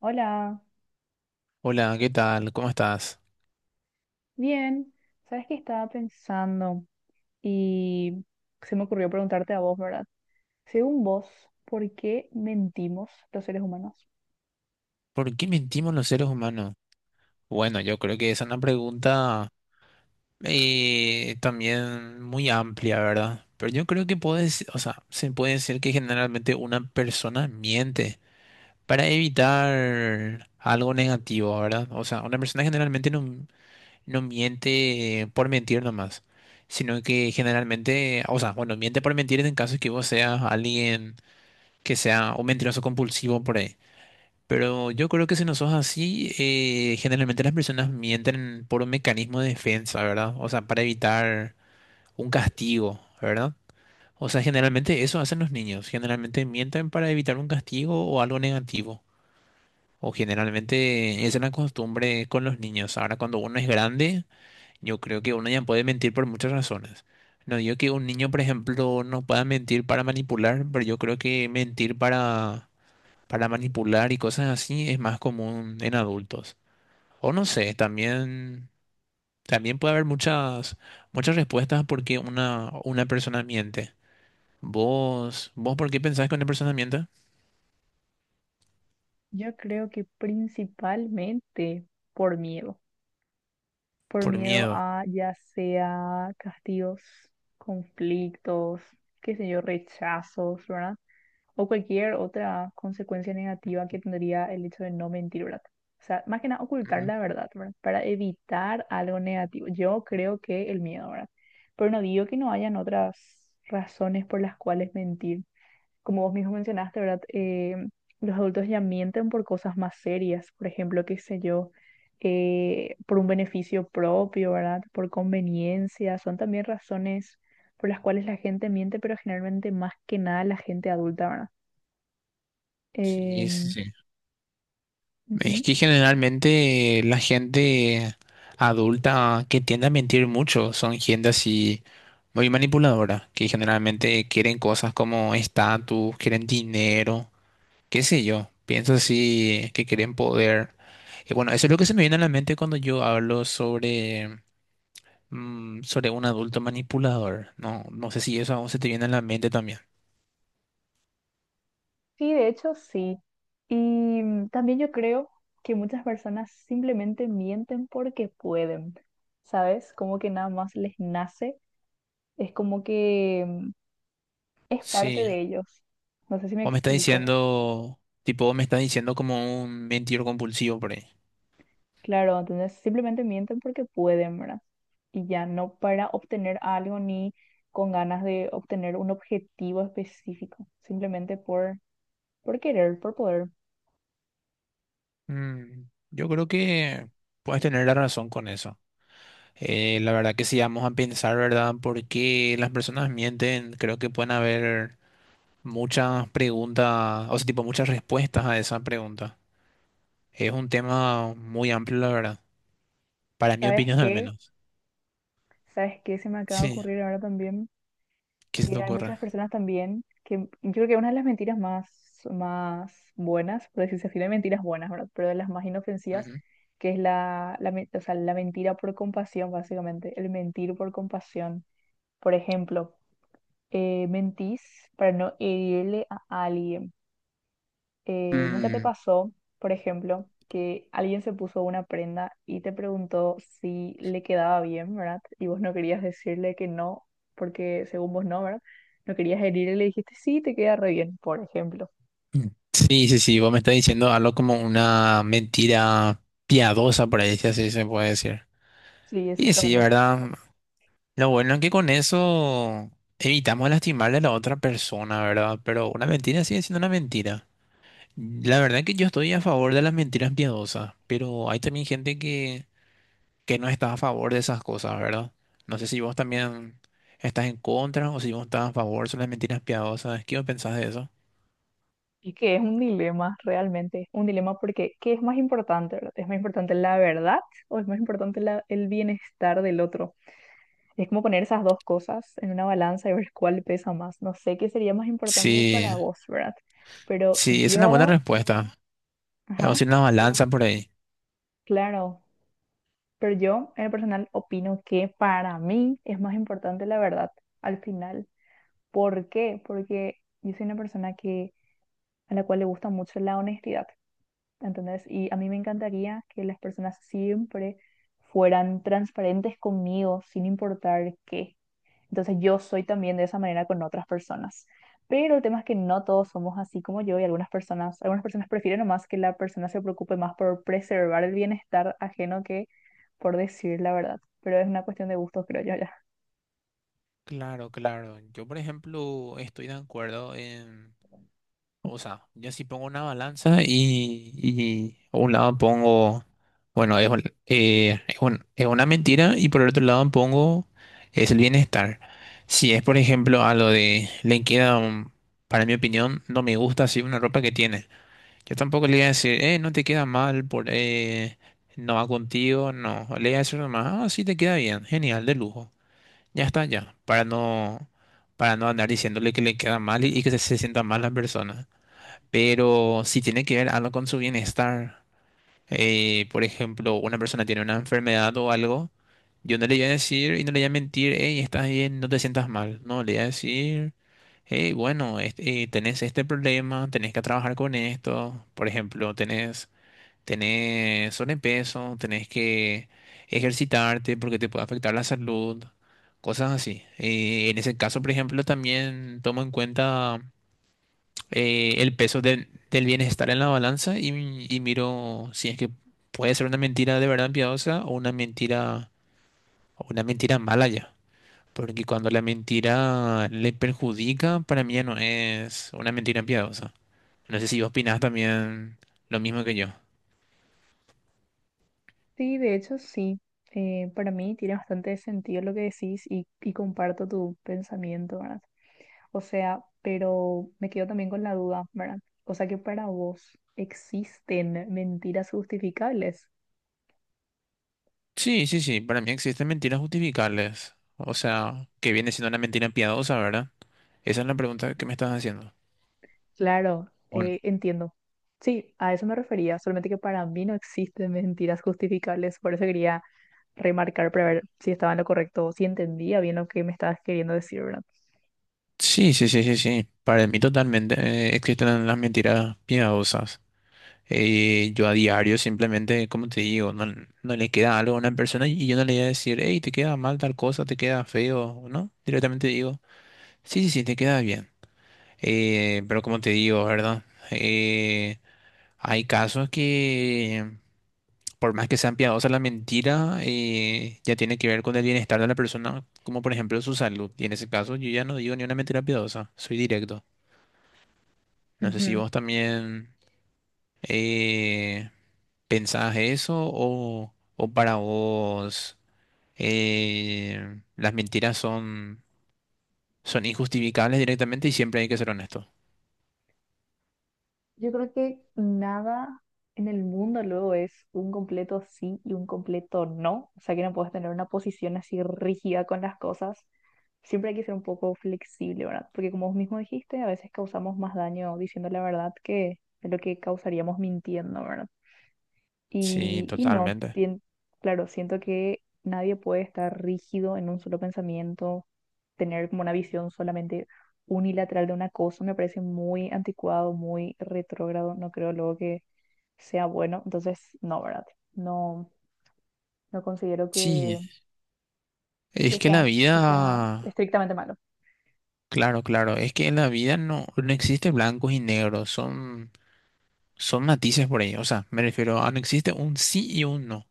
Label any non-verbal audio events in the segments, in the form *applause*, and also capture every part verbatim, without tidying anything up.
Hola, Hola, ¿qué tal? ¿Cómo estás? bien. ¿Sabes qué estaba pensando? Y se me ocurrió preguntarte a vos, ¿verdad? Según vos, ¿por qué mentimos los seres humanos? ¿Por qué mentimos los seres humanos? Bueno, yo creo que esa es una pregunta eh, también muy amplia, ¿verdad? Pero yo creo que puedes, o sea, se puede decir que generalmente una persona miente para evitar algo negativo, ¿verdad? O sea, una persona generalmente no, no miente por mentir nomás, sino que generalmente, o sea, bueno, miente por mentir en caso de que vos seas alguien que sea un mentiroso compulsivo por ahí. Pero yo creo que si no sos así, eh, generalmente las personas mienten por un mecanismo de defensa, ¿verdad? O sea, para evitar un castigo, ¿verdad? O sea, generalmente eso hacen los niños. Generalmente mienten para evitar un castigo o algo negativo. O generalmente esa es la costumbre con los niños. Ahora, cuando uno es grande, yo creo que uno ya puede mentir por muchas razones. No digo que un niño, por ejemplo, no pueda mentir para manipular, pero yo creo que mentir para para manipular y cosas así es más común en adultos. O no sé, también, también puede haber muchas, muchas respuestas porque una, una persona miente. ¿Vos, vos por qué pensás que una persona miente? Yo creo que principalmente por miedo. Por Por miedo miedo. a ya sea castigos, conflictos, qué sé yo, rechazos, ¿verdad? O cualquier otra consecuencia negativa que tendría el hecho de no mentir, ¿verdad? O sea, más que nada ocultar Ujú. la verdad, ¿verdad? Para evitar algo negativo. Yo creo que el miedo, ¿verdad? Pero no digo que no hayan otras razones por las cuales mentir como vos mismo mencionaste, ¿verdad? Eh, los adultos ya mienten por cosas más serias, por ejemplo, qué sé yo, eh, por un beneficio propio, ¿verdad? Por conveniencia, son también razones por las cuales la gente miente, pero generalmente más que nada la gente adulta, ¿verdad? Sí, sí, Em, sí. Es Ujú. que generalmente la gente adulta que tiende a mentir mucho son gente así muy manipuladora, que generalmente quieren cosas como estatus, quieren dinero. Qué sé yo, pienso así que quieren poder. Y bueno, eso es lo que se me viene a la mente cuando yo hablo sobre, mm, sobre un adulto manipulador. No, no sé si eso aún se te viene a la mente también. Sí, de hecho, sí. Y mm, también yo creo que muchas personas simplemente mienten porque pueden, ¿sabes? Como que nada más les nace. Es como que mm, es parte Sí. de ellos. No sé si me O me está explico. diciendo, tipo, me está diciendo como un mentiroso compulsivo por ahí. Claro, entonces simplemente mienten porque pueden, ¿verdad? Y ya no para obtener algo ni con ganas de obtener un objetivo específico, simplemente por, por querer, por poder. Mm, yo creo que puedes tener la razón con eso. Eh, la verdad que si vamos a pensar, ¿verdad? ¿Por qué las personas mienten? Creo que pueden haber muchas preguntas, o sea, tipo muchas respuestas a esa pregunta. Es un tema muy amplio, la verdad. Para mi ¿Sabes opinión, al qué? menos. ¿Sabes qué se me acaba de Sí, ocurrir ahora también? ¿qué se te Que hay ocurre? muchas personas también que yo creo que una de las mentiras más, más buenas, por decirse así, no hay mentiras buenas, ¿verdad? Pero de las más inofensivas, Ujú. que es la, la, men- o sea, la mentira por compasión, básicamente, el mentir por compasión. Por ejemplo, eh, mentís para no herirle a alguien eh, ¿nunca te Mm, pasó, por ejemplo, que alguien se puso una prenda y te preguntó si le quedaba bien, ¿verdad? Y vos no querías decirle que no, porque según vos no, ¿verdad? No querías herir y le dijiste, sí, te queda re bien, por ejemplo. mm. Sí, sí, sí, vos me estás diciendo algo como una mentira piadosa, por ahí, si así se puede decir. Sí, Y sí, exactamente. ¿verdad? Lo bueno es que con eso evitamos lastimarle a la otra persona, ¿verdad? Pero una mentira sigue siendo una mentira. La verdad que yo estoy a favor de las mentiras piadosas, pero hay también gente que que no estás a favor de esas cosas, ¿verdad? No sé si vos también estás en contra o si vos estás a favor, son las mentiras piadosas. ¿Qué vos pensás de eso? Y que es un dilema, realmente, un dilema porque ¿qué es más importante, verdad? ¿Es más importante la verdad o es más importante la- el bienestar del otro? Es como poner esas dos cosas en una balanza y ver cuál pesa más. No sé qué sería más importante Sí, para vos, ¿verdad? Pero sí, es una buena yo, respuesta. Vamos ajá, a ir una pero balanza por ahí. claro, pero yo en el personal opino que para mí es más importante la verdad al final. ¿Por qué? Porque yo soy una persona que, a la cual le gusta mucho la honestidad, ¿entendés? Y a mí me encantaría que las personas siempre fueran transparentes conmigo, sin importar qué. Entonces yo soy también de esa manera con otras personas. Pero el tema es que no todos somos así como yo y algunas personas, algunas personas prefieren nomás que la persona se preocupe más por preservar el bienestar ajeno que por decir la verdad. Pero es una cuestión de gustos, creo yo ya. Claro, claro. Yo, por ejemplo, estoy de acuerdo en... O sea, yo sí pongo una balanza y, y a un lado pongo, bueno, es, un- eh, es, un- es una mentira y por el otro lado pongo es el bienestar. Si es, por ejemplo, a lo de le queda, un- para mi opinión, no me gusta así una ropa que tiene. Yo tampoco le voy a decir, eh, no te queda mal, por, eh, no va contigo, no. Le voy a decir nomás, ah, sí te queda bien, genial, de lujo. Ya está, ya, para no, para no andar diciéndole que le queda mal y, y que se, se sienta mal la persona pero si tiene que ver algo con su bienestar, eh, por ejemplo, una persona tiene una enfermedad o algo, yo no le voy a decir y no le voy a mentir, hey, estás bien, no te sientas mal. No, le voy a decir, hey, bueno, este, eh, tenés este problema, tenés que trabajar con esto. Por ejemplo, tenés, tenés sobrepeso, tenés que ejercitarte porque te puede afectar la salud, cosas así. Eh, en ese caso, por ejemplo, también tomo en cuenta eh, el peso del, del bienestar en la balanza y, y miro si es que puede ser una mentira de verdad piadosa o una mentira, o una mentira mala ya. Porque cuando la mentira le perjudica, para mí ya no es una mentira piadosa. No sé si vos opinás también lo mismo que yo. Sí, de hecho sí. Eh, para mí tiene bastante sentido lo que decís y, y comparto tu pensamiento, ¿verdad? O sea, pero me quedo también con la duda, ¿verdad? O sea que para vos existen mentiras justificables. Sí, sí, sí, para mí existen mentiras justificables. O sea, que viene siendo una mentira piadosa, ¿verdad? Esa es la pregunta que me estás haciendo. Claro, ¿O no? eh, entiendo. Sí, a eso me refería, solamente que para mí no existen mentiras justificables, por eso quería remarcar para ver si estaba en lo correcto, o si entendía bien lo que me estabas queriendo decir, ¿verdad? Sí, sí, sí, sí, sí. Para mí totalmente eh, existen las mentiras piadosas. Eh, yo a diario simplemente, como te digo, no, no le queda algo a una persona y yo no le voy a decir, hey, te queda mal tal cosa, te queda feo, ¿no? Directamente digo, sí, sí, sí, te queda bien. Eh, pero como te digo, ¿verdad? Eh, hay casos que, por más que sean piadosas la mentira, eh, ya tiene que ver con el bienestar de la persona, como por ejemplo su salud. Y en ese caso yo ya no digo ni una mentira piadosa, soy directo. No sé si Ujú. vos también... eh, ¿Pensás eso o, o para vos eh, las mentiras son, son injustificables directamente y siempre hay que ser honesto? Yo creo que nada en el mundo luego es un completo sí y un completo no, o sea que no puedes tener una posición así rígida con las cosas, siempre hay que ser un poco flexible, ¿verdad? Porque como vos mismo dijiste, a veces causamos más daño diciendo la verdad que de lo que causaríamos mintiendo, ¿verdad? Sí, Y, y no, totalmente. sien- claro, siento que nadie puede estar rígido en un solo pensamiento, tener como una visión solamente unilateral de una cosa, me parece muy anticuado, muy retrógrado, no creo luego que sea bueno, entonces no, ¿verdad? No, no considero Sí, que, que es que la sea, que sea vida, estrictamente malo. claro, claro, es que en la vida no, no existe blancos y negros, son, son matices por ahí. O sea, me refiero a no existe un sí y un no,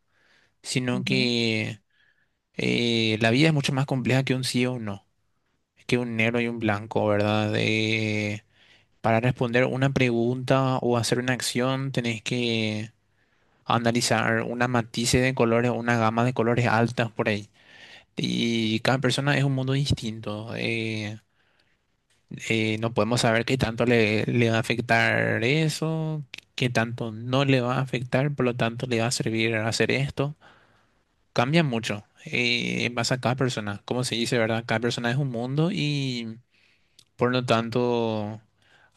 sino que eh, la vida es mucho más compleja que un sí o un no, que un negro y un blanco, ¿verdad? Eh, Para responder una pregunta o hacer una acción, tenés que analizar una matices de colores, una gama de colores altas por ahí. Y cada persona es un mundo distinto. Eh, eh, no podemos saber qué tanto le, le va a afectar eso, qué tanto no le va a afectar, por lo tanto le va a servir hacer esto. Cambia mucho eh, en base a cada persona. Como se dice, ¿verdad? Cada persona es un mundo y por lo tanto.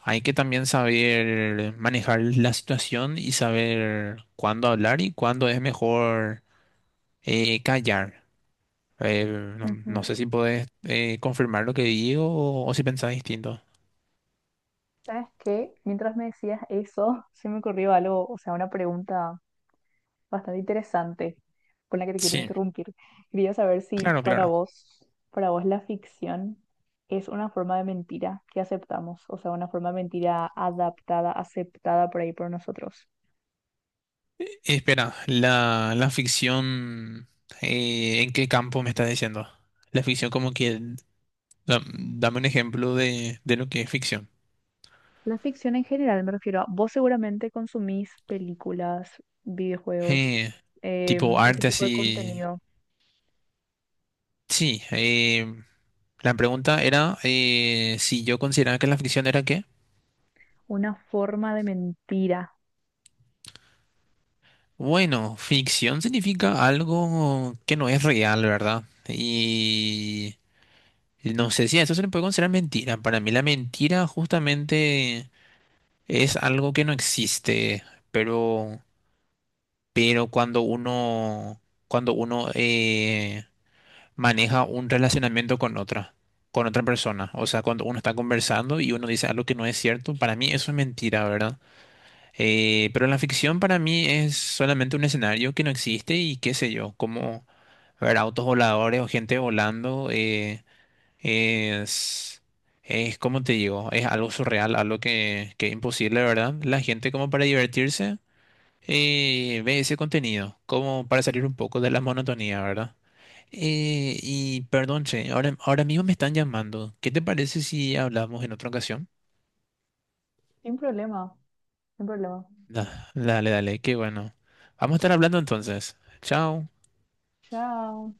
Hay que también saber manejar la situación y saber cuándo hablar y cuándo es mejor eh, callar. Eh, no, Ujú, no ujú. sé si podés eh, confirmar lo que digo o, o si pensás distinto. ¿Sabes qué? Mientras me decías eso, *laughs* se me ocurrió algo, o sea, una pregunta bastante interesante con la que te quiero Sí, interrumpir. Quería saber si claro, para claro. vos, para vos la ficción es una forma de mentira que aceptamos, o sea, una forma de mentira adaptada, aceptada por ahí por nosotros. Espera, la, la ficción, eh, ¿en qué campo me estás diciendo? La ficción como que, da- dame un ejemplo de, de lo que es ficción. La ficción en general, me refiero a vos seguramente consumís películas, videojuegos, Eh, tipo em, ese arte tipo de así. contenido. Sí, eh, la pregunta era eh, si yo consideraba que la ficción era qué. Una forma de mentira. Bueno, ficción significa algo que no es real, ¿verdad? Y no sé si a eso se le puede considerar mentira. Para mí la mentira justamente es algo que no existe, pero, pero cuando uno, cuando uno eh, maneja un relacionamiento con otra, con otra persona, o sea, cuando uno está conversando y uno dice algo que no es cierto, para mí eso es mentira, ¿verdad? Eh, pero la ficción para mí es solamente un escenario que no existe y qué sé yo, como ver autos voladores o gente volando eh, es, es, como te digo, es algo surreal, algo que, que es imposible, ¿verdad? La gente como para divertirse eh, ve ese contenido, como para salir un poco de la monotonía, ¿verdad? Eh, y perdón, che, ahora, ahora mismo me están llamando. ¿Qué te parece si hablamos en otra ocasión? Sin problema, sin problema. Da- dale, dale, qué bueno. Vamos a estar hablando entonces. Chao. Chao.